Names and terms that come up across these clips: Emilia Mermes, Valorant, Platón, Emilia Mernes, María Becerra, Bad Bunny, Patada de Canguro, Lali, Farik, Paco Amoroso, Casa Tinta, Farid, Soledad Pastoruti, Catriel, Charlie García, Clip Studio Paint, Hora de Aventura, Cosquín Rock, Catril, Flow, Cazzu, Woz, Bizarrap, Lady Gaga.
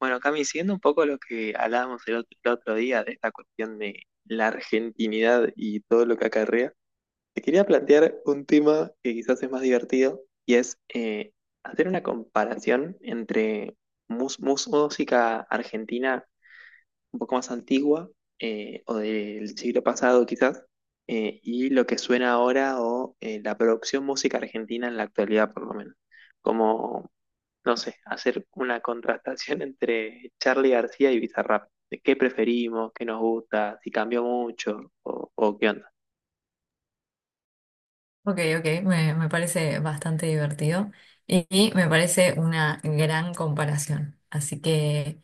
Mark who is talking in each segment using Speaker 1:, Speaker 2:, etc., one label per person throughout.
Speaker 1: Bueno, Cami, siguiendo un poco lo que hablábamos el otro día de esta cuestión de la argentinidad y todo lo que acarrea, te quería plantear un tema que quizás es más divertido y es hacer una comparación entre música argentina un poco más antigua, o del siglo pasado quizás, y lo que suena ahora, o la producción música argentina en la actualidad por lo menos. Como no sé, hacer una contrastación entre Charlie García y Bizarrap. De qué preferimos, qué nos gusta, si cambió mucho o qué onda.
Speaker 2: Ok, me parece bastante divertido y, me parece una gran comparación. Así que,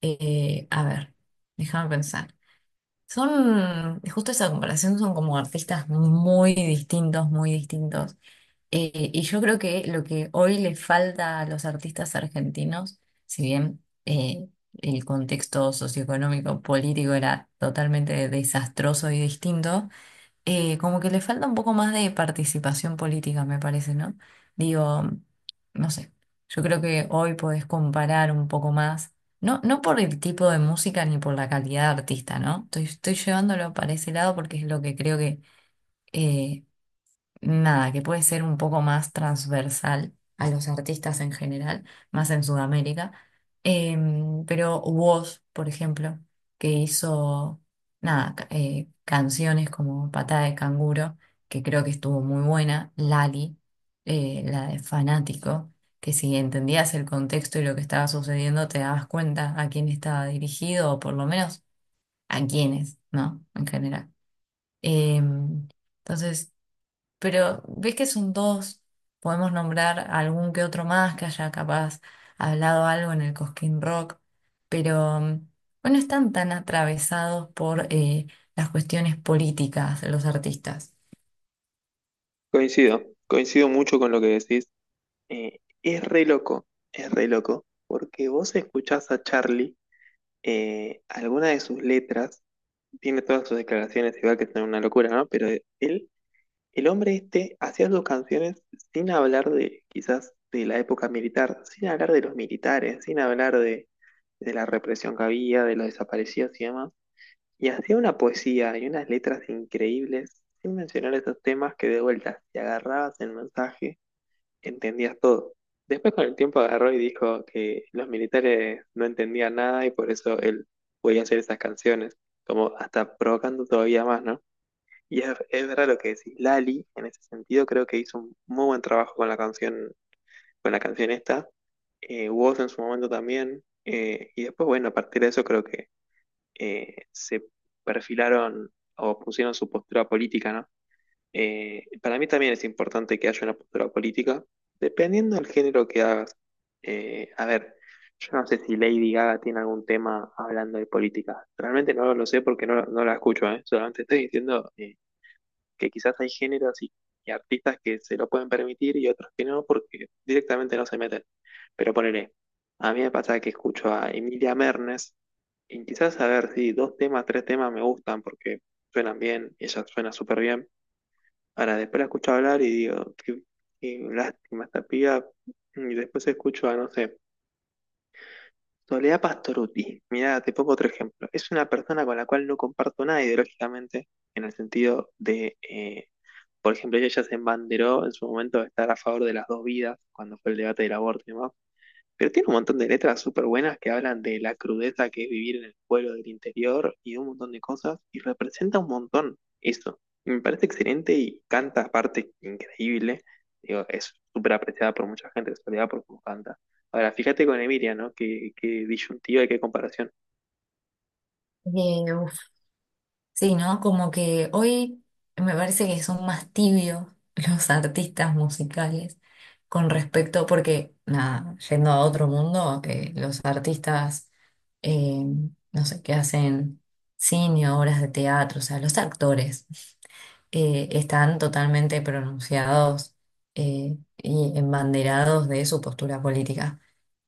Speaker 2: a ver, déjame pensar. Son, justo esa comparación, son como artistas muy distintos, muy distintos. Y yo creo que lo que hoy le falta a los artistas argentinos, si bien el contexto socioeconómico, político era totalmente desastroso y distinto, como que le falta un poco más de participación política, me parece, ¿no? Digo, no sé, yo creo que hoy podés comparar un poco más, no, no por el tipo de música ni por la calidad de artista, ¿no? Estoy, estoy llevándolo para ese lado porque es lo que creo que eh, nada, que puede ser un poco más transversal a los artistas en general, más en Sudamérica. Pero Woz, por ejemplo, que hizo, nada, canciones como Patada de Canguro, que creo que estuvo muy buena, Lali, la de Fanático, que si entendías el contexto y lo que estaba sucediendo, te dabas cuenta a quién estaba dirigido, o por lo menos a quiénes, ¿no? En general. Em, entonces... Pero ves que son dos, podemos nombrar algún que otro más que haya capaz hablado algo en el Cosquín Rock, pero bueno, están tan atravesados por las cuestiones políticas de los artistas.
Speaker 1: Coincido mucho con lo que decís. Es re loco, es re loco, porque vos escuchás a Charlie, alguna de sus letras, tiene todas sus declaraciones, igual que es una locura, ¿no? Pero él. El hombre este hacía sus canciones sin hablar de quizás de la época militar, sin hablar de los militares, sin hablar de la represión que había, de los desaparecidos y demás. Y hacía una poesía y unas letras increíbles, sin mencionar esos temas, que de vuelta, si agarrabas el mensaje, entendías todo. Después con el tiempo agarró y dijo que los militares no entendían nada y por eso él podía hacer esas canciones, como hasta provocando todavía más, ¿no? Y es verdad lo que decís. Lali, en ese sentido, creo que hizo un muy buen trabajo con la canción esta. Woz en su momento también. Y después, bueno, a partir de eso creo que se perfilaron o pusieron su postura política, ¿no? Para mí también es importante que haya una postura política, dependiendo del género que hagas. A ver, yo no sé si Lady Gaga tiene algún tema hablando de política. Realmente no lo sé porque no, no la escucho, ¿eh? Solamente estoy diciendo que quizás hay géneros y artistas que se lo pueden permitir y otros que no, porque directamente no se meten. Pero ponele, a mí me pasa que escucho a Emilia Mernes y quizás a ver si dos temas, tres temas me gustan porque suenan bien, ella suena súper bien. Ahora después la escucho hablar y digo, qué, qué lástima esta piba. Y después escucho a, no sé, Soledad Pastoruti. Mirá, te pongo otro ejemplo. Es una persona con la cual no comparto nada ideológicamente, en el sentido de, por ejemplo, ella se embanderó en su momento de estar a favor de las dos vidas, cuando fue el debate del aborto y demás. Pero tiene un montón de letras súper buenas que hablan de la crudeza que es vivir en el pueblo del interior y un montón de cosas, y representa un montón eso. Y me parece excelente y canta aparte increíble. Digo, es súper apreciada por mucha gente, en realidad por cómo canta. Ahora, fíjate con Emilia, ¿no? Qué, qué disyuntiva y qué comparación.
Speaker 2: Eh, Sí, ¿no? Como que hoy me parece que son más tibios los artistas musicales con respecto, porque, nada, yendo a otro mundo, los artistas, eh, no sé, que hacen cine, obras de teatro, o sea, los actores, están totalmente pronunciados y embanderados de su postura política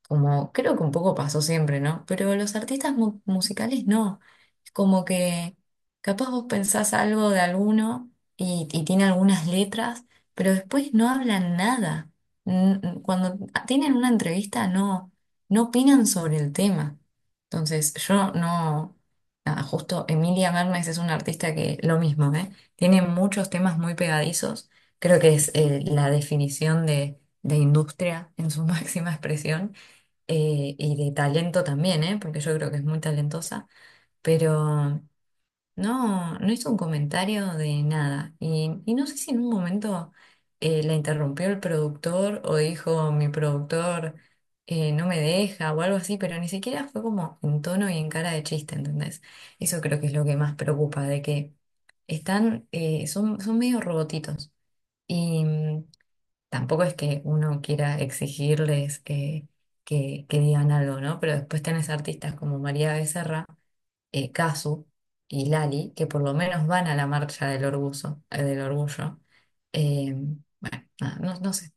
Speaker 2: como creo que un poco pasó siempre, ¿no? Pero los artistas musicales no. Es como que capaz vos pensás algo de alguno y, tiene algunas letras, pero después no hablan nada. Cuando tienen una entrevista no, no opinan sobre el tema. Entonces, yo no... Nada, justo Emilia Mermes es una artista que lo mismo, ¿eh? Tiene muchos temas muy pegadizos. Creo que es la definición de industria en su máxima expresión y de talento también, ¿eh? Porque yo creo que es muy talentosa, pero no, no hizo un comentario de nada. Y, no sé si en un momento la interrumpió el productor o dijo mi productor no me deja o algo así, pero ni siquiera fue como en tono y en cara de chiste, ¿entendés? Eso creo que es lo que más preocupa, de que están, son medio robotitos. Y tampoco es que uno quiera exigirles que digan algo, ¿no? Pero después tenés artistas como María Becerra, Cazzu y Lali, que por lo menos van a la marcha del orgullo, del orgullo. Eh, no, no sé.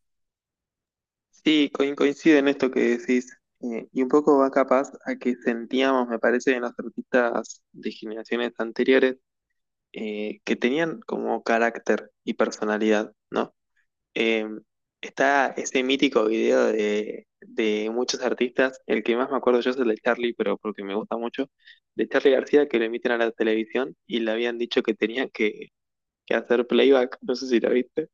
Speaker 1: Sí, coincide en esto que decís. Y un poco va capaz a que sentíamos, me parece, en los artistas de generaciones anteriores, que tenían como carácter y personalidad, ¿no? Eh, Está ese mítico video de muchos artistas, el que más me acuerdo yo es el de Charlie, pero porque me gusta mucho, de Charlie García, que lo emiten a la televisión y le habían dicho que tenía que hacer playback, no sé si lo viste.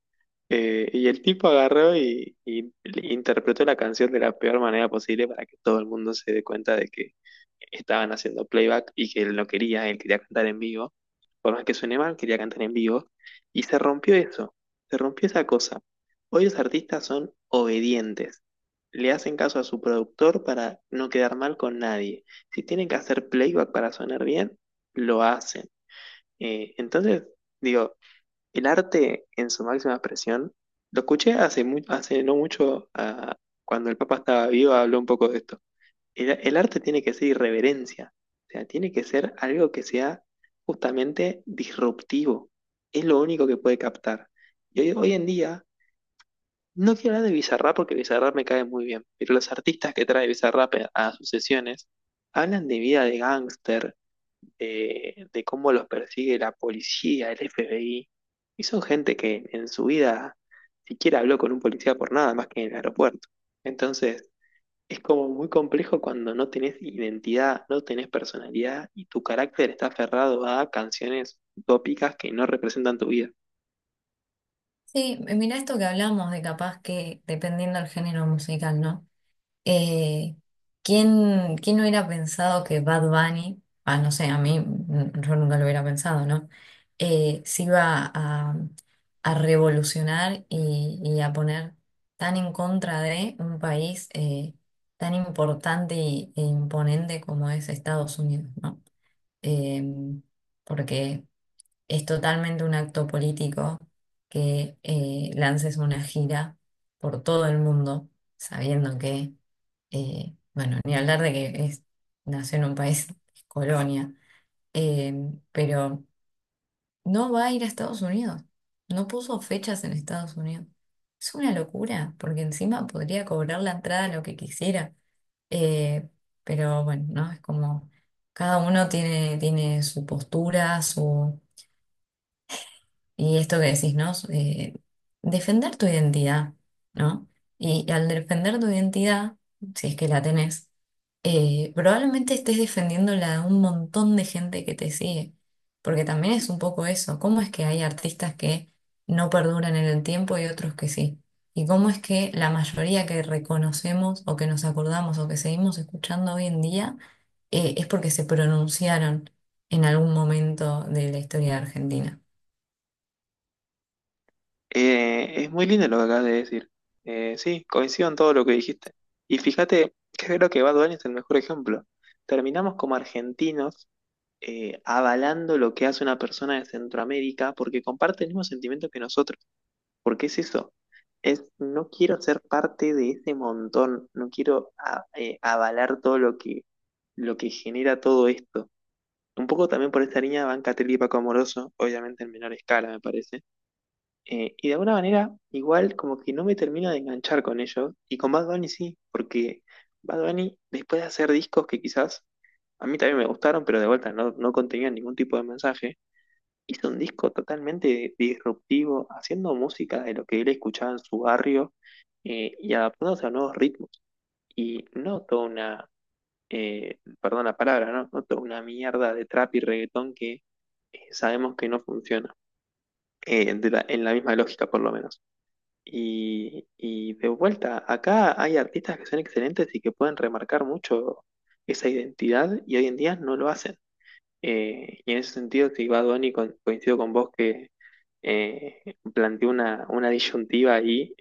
Speaker 1: Y el tipo agarró y interpretó la canción de la peor manera posible para que todo el mundo se dé cuenta de que estaban haciendo playback y que él no quería, él quería cantar en vivo. Por más que suene mal, quería cantar en vivo. Y se rompió eso, se rompió esa cosa. Hoy los artistas son obedientes. Le hacen caso a su productor para no quedar mal con nadie. Si tienen que hacer playback para sonar bien, lo hacen. Entonces, digo, el arte en su máxima expresión, lo escuché hace, hace no mucho, ah, cuando el Papa estaba vivo, habló un poco de esto. El arte tiene que ser irreverencia, o sea, tiene que ser algo que sea justamente disruptivo. Es lo único que puede captar. Y hoy, hoy en día, no quiero hablar de Bizarrap porque Bizarrap me cae muy bien, pero los artistas que trae Bizarrap a sus sesiones hablan de vida de gángster, de cómo los persigue la policía, el FBI, y son gente que en su vida siquiera habló con un policía por nada más que en el aeropuerto. Entonces, es como muy complejo cuando no tenés identidad, no tenés personalidad y tu carácter está aferrado a canciones utópicas que no representan tu vida.
Speaker 2: Sí, mirá esto que hablamos de capaz que dependiendo del género musical, ¿no? Eh, quién hubiera pensado que Bad Bunny, no sé, a mí yo nunca lo hubiera pensado, ¿no? Se iba a revolucionar y, a poner tan en contra de un país tan importante e imponente como es Estados Unidos, ¿no? Eh, porque es totalmente un acto político que lances una gira por todo el mundo, sabiendo que bueno, ni hablar de que es, nació en un país, es colonia. Eh, pero no va a ir a Estados Unidos. No puso fechas en Estados Unidos. Es una locura, porque encima podría cobrar la entrada lo que quisiera. Eh, pero bueno, ¿no? Es como cada uno tiene, tiene su postura, su y esto que decís, ¿no? Defender tu identidad, ¿no? Y, al defender tu identidad, si es que la tenés, probablemente estés defendiendo la de un montón de gente que te sigue, porque también es un poco eso, ¿cómo es que hay artistas que no perduran en el tiempo y otros que sí? ¿Y cómo es que la mayoría que reconocemos o que nos acordamos o que seguimos escuchando hoy en día es porque se pronunciaron en algún momento de la historia de Argentina?
Speaker 1: Es muy lindo lo que acabas de decir. Sí, coincido en todo lo que dijiste. Y fíjate que creo que Bad Bunny es el mejor ejemplo. Terminamos como argentinos, avalando lo que hace una persona de Centroamérica porque comparte el mismo sentimiento que nosotros. ¿Porque es eso? Es, no quiero ser parte de ese montón, no quiero avalar todo lo que genera todo esto. Un poco también por esta línea van Catriel y Paco Amoroso, obviamente en menor escala, me parece. Y de alguna manera, igual como que no me termino de enganchar con ellos. Y con Bad Bunny sí, porque Bad Bunny, después de hacer discos que quizás a mí también me gustaron, pero de vuelta no, no contenían ningún tipo de mensaje, hizo un disco totalmente disruptivo, haciendo música de lo que él escuchaba en su barrio, y adaptándose a nuevos ritmos. Y no toda una, perdón la palabra, ¿no? No toda una mierda de trap y reggaetón que, sabemos que no funciona, en la misma lógica por lo menos. Y de vuelta, acá hay artistas que son excelentes y que pueden remarcar mucho esa identidad y hoy en día no lo hacen. Y en ese sentido, si Bad Bunny coincido con vos que eh, planteó una disyuntiva ahí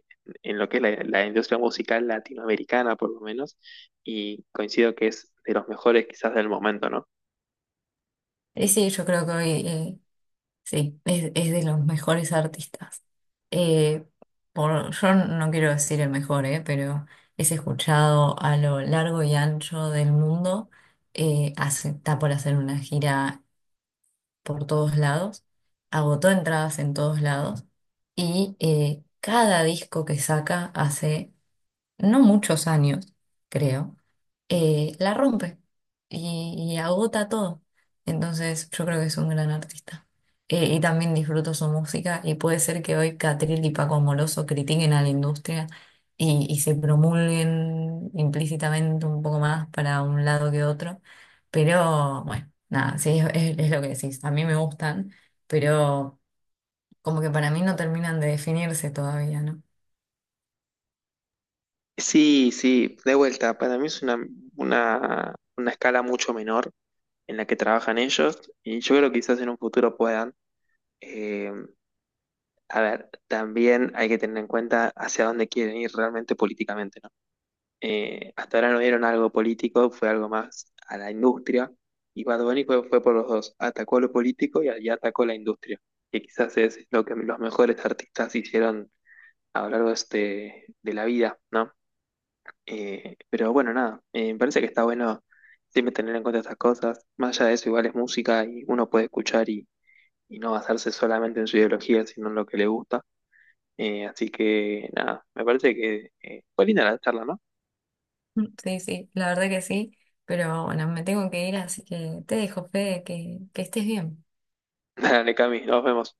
Speaker 1: en lo que es la, la industria musical latinoamericana, por lo menos, y coincido que es de los mejores quizás del momento, ¿no?
Speaker 2: Y sí, yo creo que hoy sí, es de los mejores artistas. Eh, por, yo no quiero decir el mejor, pero es escuchado a lo largo y ancho del mundo. Está por hacer una gira por todos lados. Agotó entradas en todos lados. Y cada disco que saca hace no muchos años, creo la rompe y, agota todo. Entonces yo creo que es un gran artista. Y también disfruto su música y puede ser que hoy Catril y Paco Amoroso critiquen a la industria y, se promulguen implícitamente un poco más para un lado que otro. Pero bueno, nada, sí, es lo que decís. A mí me gustan, pero como que para mí no terminan de definirse todavía, ¿no?
Speaker 1: Sí, sí, de vuelta, para mí es una escala mucho menor en la que trabajan ellos, y yo creo que quizás en un futuro puedan. eh, a ver, también hay que tener en cuenta hacia dónde quieren ir realmente políticamente, ¿no? Hasta ahora no dieron algo político, fue algo más a la industria. Y Bad Bunny fue, fue por los dos, atacó lo político y atacó la industria, que quizás es lo que los mejores artistas hicieron a lo largo de, de la vida, ¿no? Pero bueno, nada, me parece que está bueno siempre tener en cuenta estas cosas. Más allá de eso, igual es música y uno puede escuchar y no basarse solamente en su ideología, sino en lo que le gusta. Así que nada, me parece que fue linda la charla, ¿no?
Speaker 2: Sí, sí, la verdad que sí, pero bueno, me tengo que ir, así que te dejo, Fede, que estés bien.
Speaker 1: Dale, Cami, nos vemos.